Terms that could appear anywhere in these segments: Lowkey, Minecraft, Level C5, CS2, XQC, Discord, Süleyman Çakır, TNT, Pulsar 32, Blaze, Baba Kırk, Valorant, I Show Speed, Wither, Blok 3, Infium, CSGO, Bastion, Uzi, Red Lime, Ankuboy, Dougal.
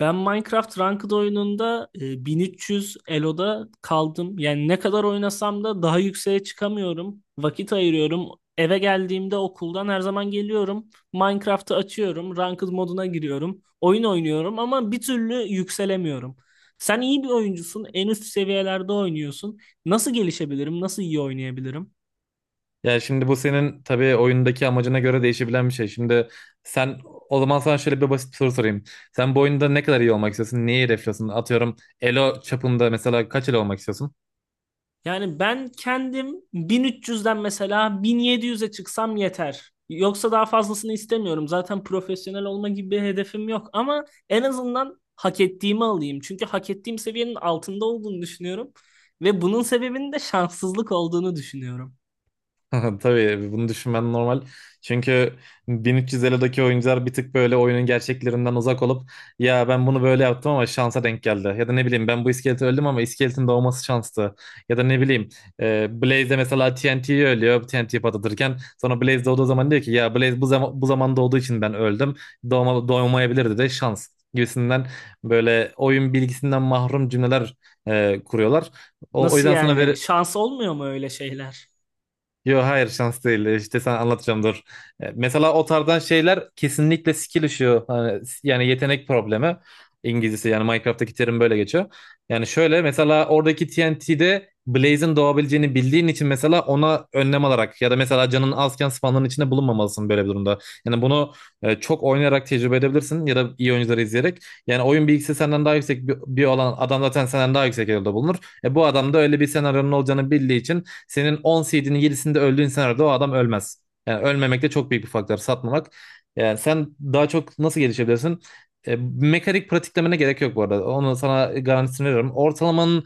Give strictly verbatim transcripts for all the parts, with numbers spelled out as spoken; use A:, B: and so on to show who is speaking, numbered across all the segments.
A: Ben Minecraft Ranked oyununda e, bin üç yüz Elo'da kaldım. Yani ne kadar oynasam da daha yükseğe çıkamıyorum. Vakit ayırıyorum. Eve geldiğimde okuldan her zaman geliyorum. Minecraft'ı açıyorum. Ranked moduna giriyorum. Oyun oynuyorum ama bir türlü yükselemiyorum. Sen iyi bir oyuncusun. En üst seviyelerde oynuyorsun. Nasıl gelişebilirim? Nasıl iyi oynayabilirim?
B: Yani şimdi bu senin tabii oyundaki amacına göre değişebilen bir şey. Şimdi sen o zaman sana şöyle bir basit bir soru sorayım. Sen bu oyunda ne kadar iyi olmak istiyorsun? Neyi hedefliyorsun? Atıyorum elo çapında mesela kaç elo olmak istiyorsun?
A: Yani ben kendim bin üç yüzden mesela bin yedi yüze çıksam yeter. Yoksa daha fazlasını istemiyorum. Zaten profesyonel olma gibi bir hedefim yok ama en azından hak ettiğimi alayım. Çünkü hak ettiğim seviyenin altında olduğunu düşünüyorum ve bunun sebebinin de şanssızlık olduğunu düşünüyorum.
B: Tabii bunu düşünmen normal. Çünkü bin üç yüz Elo'daki oyuncular bir tık böyle oyunun gerçeklerinden uzak olup ya ben bunu böyle yaptım ama şansa denk geldi. Ya da ne bileyim ben bu iskeleti öldüm ama iskeletin doğması şanstı. Ya da ne bileyim e, Blaze de mesela T N T'yi ölüyor, T N T patlatırken sonra Blaze doğduğu zaman diyor ki ya Blaze bu, zaman, bu zaman doğduğu için ben öldüm. Doğma, doğmayabilirdi de şans gibisinden böyle oyun bilgisinden mahrum cümleler e, kuruyorlar. O, o
A: Nasıl
B: yüzden sana
A: yani?
B: ver.
A: Şans olmuyor mu öyle şeyler?
B: Yo, hayır, şans değil. İşte sana anlatacağım, dur. E, Mesela o tarzdan şeyler kesinlikle skill issue. Hani, yani yetenek problemi. İngilizcesi yani Minecraft'taki terim böyle geçiyor. Yani şöyle mesela oradaki T N T'de Blaze'in doğabileceğini bildiğin için mesela ona önlem alarak ya da mesela canın azken spawnların içinde bulunmamalısın böyle bir durumda. Yani bunu e, çok oynayarak tecrübe edebilirsin ya da iyi oyuncuları izleyerek. Yani oyun bilgisi senden daha yüksek bir, bir olan adam zaten senden daha yüksek yerde bulunur. E, bu adam da öyle bir senaryonun olacağını bildiği için senin on C D'nin yedisinde öldüğün senaryoda o adam ölmez. Yani ölmemek de çok büyük bir faktör. Satmamak. Yani sen daha çok nasıl gelişebilirsin? E, mekanik pratiklemene gerek yok bu arada. Onu sana garantisini veriyorum. Ortalamanın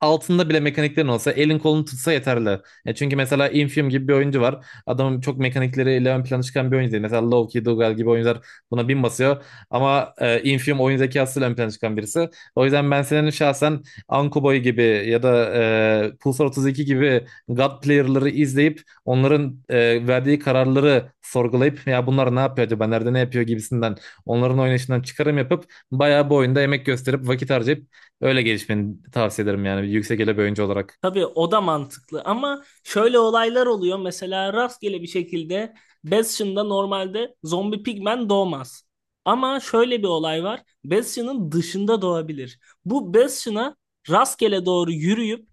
B: altında bile mekaniklerin olsa elin kolunu tutsa yeterli. E çünkü mesela Infium gibi bir oyuncu var. Adamın çok mekanikleriyle ön plana çıkan bir oyuncu değil. Mesela Lowkey, Dougal gibi oyuncular buna bin basıyor. Ama e, Infium oyun zekasıyla ön plana çıkan birisi. O yüzden ben senin şahsen Ankuboy gibi ya da e, Pulsar otuz iki gibi God player'ları izleyip onların e, verdiği kararları sorgulayıp ya bunlar ne yapıyor acaba, nerede ne yapıyor gibisinden onların oynayışından çıkarım yapıp bayağı bu oyunda emek gösterip vakit harcayıp öyle gelişmeni tavsiye ederim yani bir yüksek ele bir oyuncu olarak.
A: Tabii o da mantıklı ama şöyle olaylar oluyor. Mesela rastgele bir şekilde Bastion'da normalde zombi pigmen doğmaz. Ama şöyle bir olay var. Bastion'ın dışında doğabilir. Bu Bastion'a rastgele doğru yürüyüp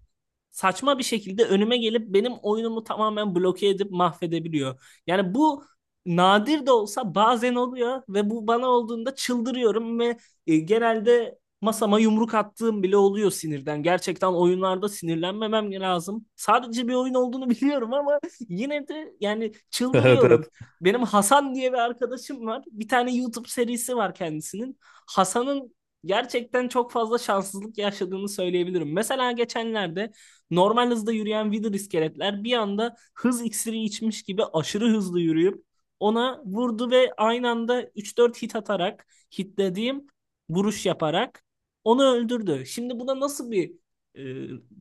A: saçma bir şekilde önüme gelip benim oyunumu tamamen bloke edip mahvedebiliyor. Yani bu nadir de olsa bazen oluyor ve bu bana olduğunda çıldırıyorum ve e, genelde masama yumruk attığım bile oluyor sinirden. Gerçekten oyunlarda sinirlenmemem lazım. Sadece bir oyun olduğunu biliyorum ama yine de yani
B: Evet,
A: çıldırıyorum.
B: evet.
A: Benim Hasan diye bir arkadaşım var. Bir tane YouTube serisi var kendisinin. Hasan'ın gerçekten çok fazla şanssızlık yaşadığını söyleyebilirim. Mesela geçenlerde normal hızda yürüyen Wither iskeletler bir anda hız iksiri içmiş gibi aşırı hızlı yürüyüp ona vurdu ve aynı anda üç dört hit atarak hitlediğim vuruş yaparak onu öldürdü. Şimdi buna nasıl bir e,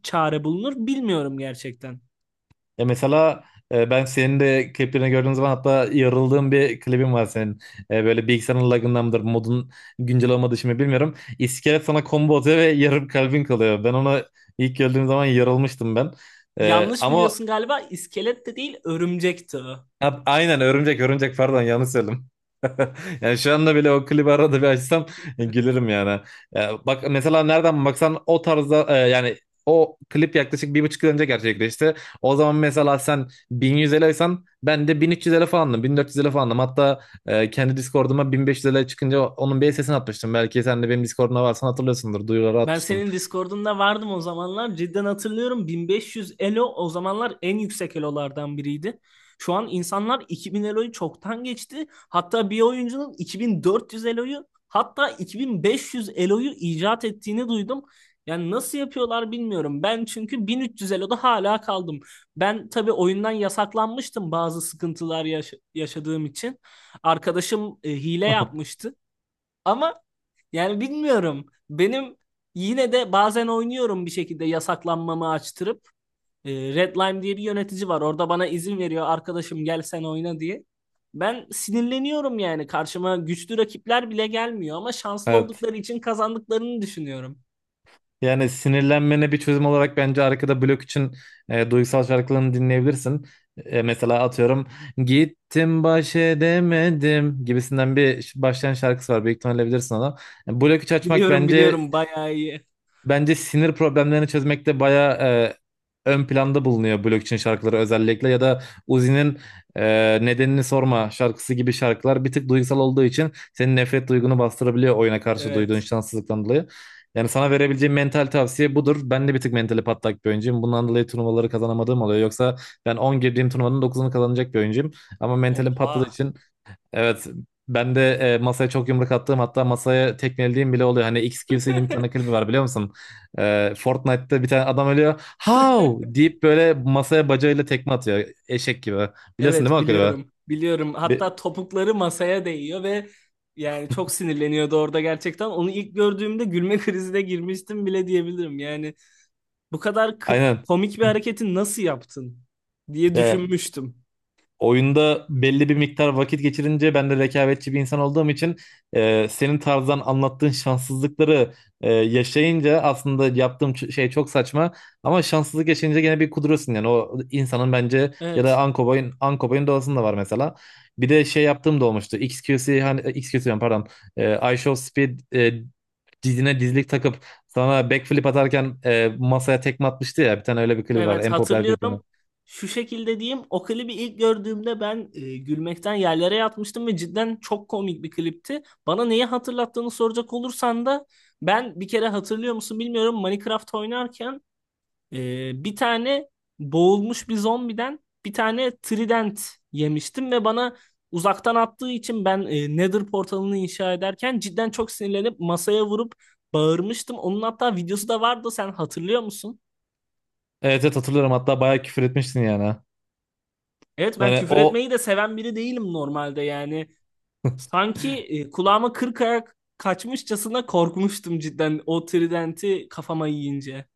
A: çare bulunur bilmiyorum gerçekten.
B: Ya mesela e, ben senin de kliplerini gördüğüm zaman, hatta yarıldığım bir klibin var senin. E, böyle bilgisayarın lagından mıdır, modun güncel olmadığı için mi bilmiyorum. İskelet sana combo atıyor ve yarım kalbin kalıyor. Ben ona ilk gördüğüm zaman yarılmıştım ben. E,
A: Yanlış
B: ama
A: biliyorsun galiba, iskelet de değil örümcekti o.
B: Ha, aynen, örümcek örümcek, pardon, yanlış söyledim. Yani şu anda bile o klibi arada bir açsam e, gülerim yani. Ya bak mesela nereden baksan o tarzda, e, yani o klip yaklaşık bir buçuk yıl önce gerçekleşti. O zaman mesela sen bin yüz liraysan, ben de bin üç yüz lira falandım, bin dört yüz lira falandım. Hatta e, kendi Discord'uma bin beş yüz lira çıkınca onun bir sesini atmıştım. Belki sen de benim Discord'una varsan hatırlıyorsundur, duyuruları
A: Ben
B: atmıştım.
A: senin Discord'unda vardım o zamanlar. Cidden hatırlıyorum, bin beş yüz elo o zamanlar en yüksek elolardan biriydi. Şu an insanlar iki bin eloyu çoktan geçti. Hatta bir oyuncunun iki bin dört yüz eloyu hatta iki bin beş yüz eloyu icat ettiğini duydum. Yani nasıl yapıyorlar bilmiyorum. Ben çünkü bin üç yüz eloda hala kaldım. Ben tabii oyundan yasaklanmıştım bazı sıkıntılar yaş- yaşadığım için. Arkadaşım e, hile yapmıştı. Ama yani bilmiyorum. Benim yine de bazen oynuyorum bir şekilde yasaklanmamı açtırıp. E, Red Lime diye bir yönetici var. Orada bana izin veriyor arkadaşım, gel sen oyna diye. Ben sinirleniyorum yani. Karşıma güçlü rakipler bile gelmiyor ama şanslı
B: Evet.
A: oldukları için kazandıklarını düşünüyorum.
B: Yani sinirlenmene bir çözüm olarak bence arkada blok için e, duygusal şarkılarını dinleyebilirsin. E, mesela atıyorum gittim baş edemedim gibisinden bir ş- başlayan şarkısı var. Büyük ihtimalle bilirsin onu. Yani blok üç açmak
A: Biliyorum,
B: bence
A: biliyorum, bayağı iyi.
B: Bence sinir problemlerini çözmekte bayağı e, ön planda bulunuyor, blockchain şarkıları özellikle, ya da Uzi'nin e, nedenini sorma şarkısı gibi şarkılar bir tık duygusal olduğu için senin nefret duygunu bastırabiliyor oyuna karşı duyduğun
A: Evet.
B: şanssızlıktan dolayı. Yani sana verebileceğim mental tavsiye budur. Ben de bir tık mentali patlak bir oyuncuyum. Bundan dolayı turnuvaları kazanamadığım oluyor. Yoksa ben on girdiğim turnuvanın dokuzunu kazanacak bir oyuncuyum. Ama mentalim patladığı
A: Oha.
B: için. Evet, ben de e, masaya çok yumruk attığım, hatta masaya tekmelediğim bile oluyor. Hani X Q C'nin bir tane klibi var, biliyor musun? E, Fortnite'da bir tane adam ölüyor. How! Deyip böyle masaya bacağıyla tekme atıyor. Eşek gibi. Biliyorsun değil
A: Evet,
B: mi o klibi?
A: biliyorum. Biliyorum.
B: Bir,
A: Hatta topukları masaya değiyor ve yani çok sinirleniyordu orada gerçekten. Onu ilk gördüğümde gülme krizine girmiştim bile diyebilirim. Yani bu kadar kri-
B: aynen.
A: komik bir hareketi nasıl yaptın diye
B: Ya,
A: düşünmüştüm.
B: oyunda belli bir miktar vakit geçirince ben de rekabetçi bir insan olduğum için e, senin tarzdan anlattığın şanssızlıkları e, yaşayınca aslında yaptığım ç- şey çok saçma, ama şanssızlık yaşayınca gene bir kuduruyorsun, yani o insanın bence, ya da
A: Evet.
B: Ankoboy'un Ankoboy'un doğasında var mesela. Bir de şey yaptığım da olmuştu. X Q C, hani, e, X Q C diyorum, pardon. E, I Show Speed e, dizine dizlik takıp sana backflip atarken e, masaya tekme atmıştı ya. Bir tane öyle bir klip var.
A: Evet,
B: En popüler kliplerden.
A: hatırlıyorum. Şu şekilde diyeyim. O klibi ilk gördüğümde ben e, gülmekten yerlere yatmıştım ve cidden çok komik bir klipti. Bana neyi hatırlattığını soracak olursan da ben bir kere, hatırlıyor musun bilmiyorum, Minecraft oynarken Ee, bir tane boğulmuş bir zombiden bir tane trident yemiştim ve bana uzaktan attığı için ben e, Nether portalını inşa ederken cidden çok sinirlenip masaya vurup bağırmıştım. Onun hatta videosu da vardı, sen hatırlıyor musun?
B: Evet, evet hatırlıyorum. Hatta bayağı küfür etmiştin yani.
A: Evet, ben
B: Yani
A: küfür
B: o
A: etmeyi de seven biri değilim normalde yani. Sanki e, kulağıma kırk ayak kaçmışçasına korkmuştum cidden, o tridenti kafama yiyince.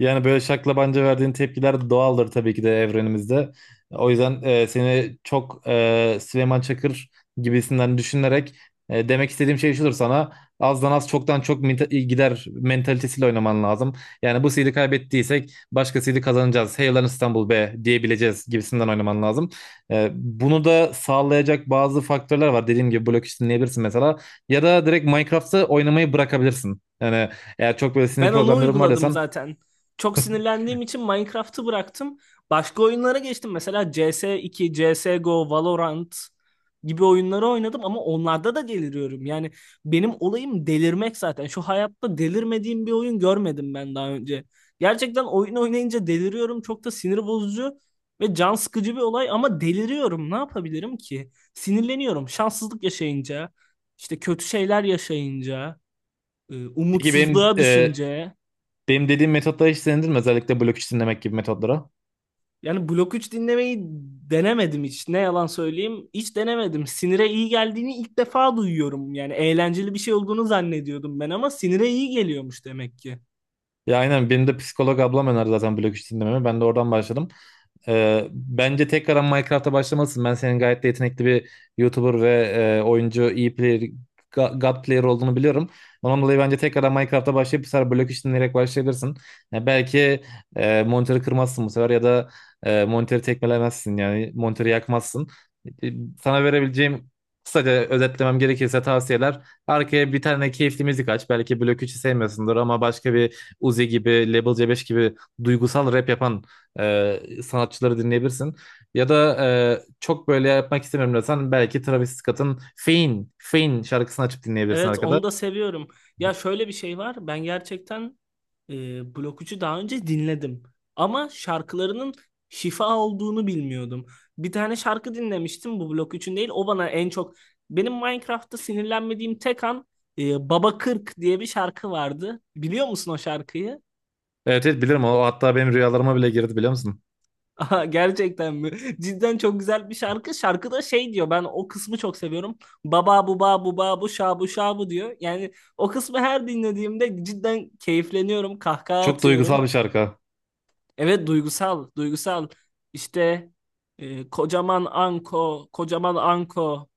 B: Yani böyle şaklabanca verdiğin tepkiler doğaldır tabii ki de evrenimizde. O yüzden e, seni çok e, Süleyman Çakır gibisinden düşünerek, e, demek istediğim şey şudur sana. Azdan az, çoktan çok mita- gider mentalitesiyle oynaman lazım. Yani bu seedi kaybettiysek başka başkasıyla kazanacağız. Hey lan İstanbul be diyebileceğiz gibisinden oynaman lazım. E, bunu da sağlayacak bazı faktörler var. Dediğim gibi blok işi dinleyebilirsin mesela. Ya da direkt Minecraft'ı oynamayı bırakabilirsin. Yani eğer çok böyle sinir
A: Ben onu
B: problemlerin var
A: uyguladım
B: desen.
A: zaten. Çok sinirlendiğim için Minecraft'ı bıraktım. Başka oyunlara geçtim. Mesela C S iki, C S G O, Valorant gibi oyunları oynadım ama onlarda da deliriyorum. Yani benim olayım delirmek zaten. Şu hayatta delirmediğim bir oyun görmedim ben daha önce. Gerçekten oyun oynayınca deliriyorum. Çok da sinir bozucu ve can sıkıcı bir olay ama deliriyorum. Ne yapabilirim ki? Sinirleniyorum. Şanssızlık yaşayınca, işte kötü şeyler yaşayınca, e,
B: Peki benim
A: umutsuzluğa
B: e,
A: düşünce.
B: benim dediğim metotlara hiç denedin mi? Özellikle blok üç dinlemek gibi metotlara.
A: Yani Blok üç dinlemeyi denemedim hiç. Ne yalan söyleyeyim. Hiç denemedim. Sinire iyi geldiğini ilk defa duyuyorum. Yani eğlenceli bir şey olduğunu zannediyordum ben ama sinire iyi geliyormuş demek ki.
B: Ya aynen, benim de psikolog ablam önerdi zaten blok üç dinlememi. Ben de oradan başladım. Ee, bence tekrardan Minecraft'a başlamalısın. Ben senin gayet de yetenekli bir YouTuber ve e, oyuncu, iyi player, ga- God player olduğunu biliyorum. Ondan dolayı bence tekrardan Minecraft'a başlayıp bu sefer blok işini dinleyerek başlayabilirsin. Ya belki e, monitörü kırmazsın bu sefer, ya da e, monitörü tekmelemezsin, yani monitörü yakmazsın. E, Sana verebileceğim, kısaca özetlemem gerekirse, tavsiyeler. Arkaya bir tane keyifli müzik aç. Belki blok üçü sevmiyorsundur ama başka bir, Uzi gibi, Level C beş gibi duygusal rap yapan e, sanatçıları dinleyebilirsin. Ya da e, çok böyle yapmak istemiyorum desen belki Travis Scott'ın Fein, Fein şarkısını açıp dinleyebilirsin
A: Evet,
B: arkada.
A: onu da seviyorum. Ya şöyle bir şey var. Ben gerçekten e, Blok üçü daha önce dinledim. Ama şarkılarının şifa olduğunu bilmiyordum. Bir tane şarkı dinlemiştim bu Blok üçün değil. O bana en çok... Benim Minecraft'ta sinirlenmediğim tek an, e, Baba Kırk diye bir şarkı vardı. Biliyor musun o şarkıyı?
B: Evet, evet bilirim o, hatta benim rüyalarıma bile girdi, biliyor musun?
A: Aha, gerçekten mi? Cidden çok güzel bir şarkı. Şarkıda şey diyor. Ben o kısmı çok seviyorum. Baba bu ba bu ba bu şa bu şa bu diyor. Yani o kısmı her dinlediğimde cidden keyifleniyorum. Kahkaha
B: Çok duygusal
A: atıyorum.
B: bir şarkı.
A: Evet, duygusal, duygusal. İşte e, kocaman anko, kocaman anko.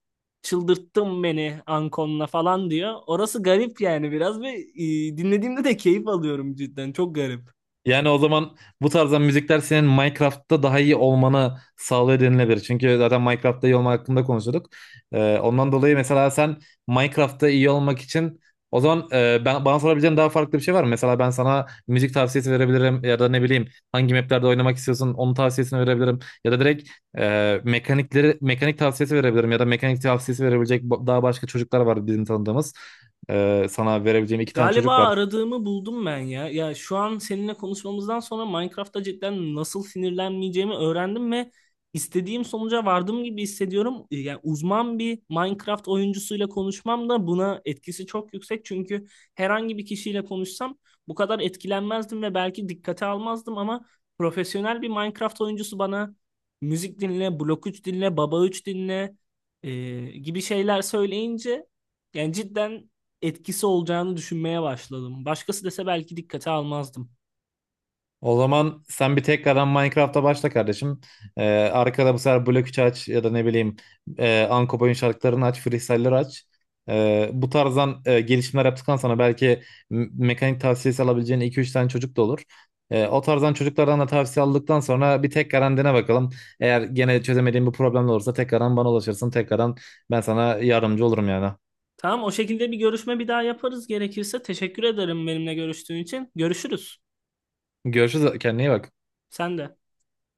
A: Çıldırttın beni ankonla falan diyor. Orası garip yani biraz ve e, dinlediğimde de keyif alıyorum cidden. Çok garip.
B: Yani o zaman bu tarzdan müzikler senin Minecraft'ta daha iyi olmanı sağlıyor denilebilir. Çünkü zaten Minecraft'ta iyi olmak hakkında konuşuyorduk. Ee, ondan dolayı mesela sen Minecraft'ta iyi olmak için, o zaman, e, ben, bana sorabileceğin daha farklı bir şey var mı? Mesela ben sana müzik tavsiyesi verebilirim ya da ne bileyim hangi maplerde oynamak istiyorsun onun tavsiyesini verebilirim. Ya da direkt e, mekanikleri mekanik tavsiyesi verebilirim ya da mekanik tavsiyesi verebilecek ba- daha başka çocuklar var bizim tanıdığımız. Ee, sana verebileceğim iki tane
A: Galiba
B: çocuk var.
A: aradığımı buldum ben ya. Ya şu an seninle konuşmamızdan sonra Minecraft'ta cidden nasıl sinirlenmeyeceğimi öğrendim ve istediğim sonuca vardım gibi hissediyorum. E, Yani uzman bir Minecraft oyuncusuyla konuşmam da buna etkisi çok yüksek. Çünkü herhangi bir kişiyle konuşsam bu kadar etkilenmezdim ve belki dikkate almazdım ama profesyonel bir Minecraft oyuncusu bana müzik dinle, blok üç dinle, baba üç dinle e, gibi şeyler söyleyince yani cidden etkisi olacağını düşünmeye başladım. Başkası dese belki dikkate almazdım.
B: O zaman sen bir tekrardan Minecraft'a başla kardeşim. Ee, Arkada bu sefer blok üç aç ya da ne bileyim e, Anko Boy'un şarkılarını aç, freestyle'ları aç. Ee, bu tarzdan e, gelişimler yaptıktan sonra belki m- mekanik tavsiyesi alabileceğin iki üç tane çocuk da olur. Ee, o tarzdan çocuklardan da tavsiye aldıktan sonra bir tekrardan dene bakalım. Eğer gene çözemediğin bir problem olursa tekrardan bana ulaşırsın. Tekrardan ben sana yardımcı olurum yani.
A: Tamam, o şekilde bir görüşme bir daha yaparız gerekirse. Teşekkür ederim benimle görüştüğün için. Görüşürüz.
B: Görüşürüz. Kendine iyi bak.
A: Sen de.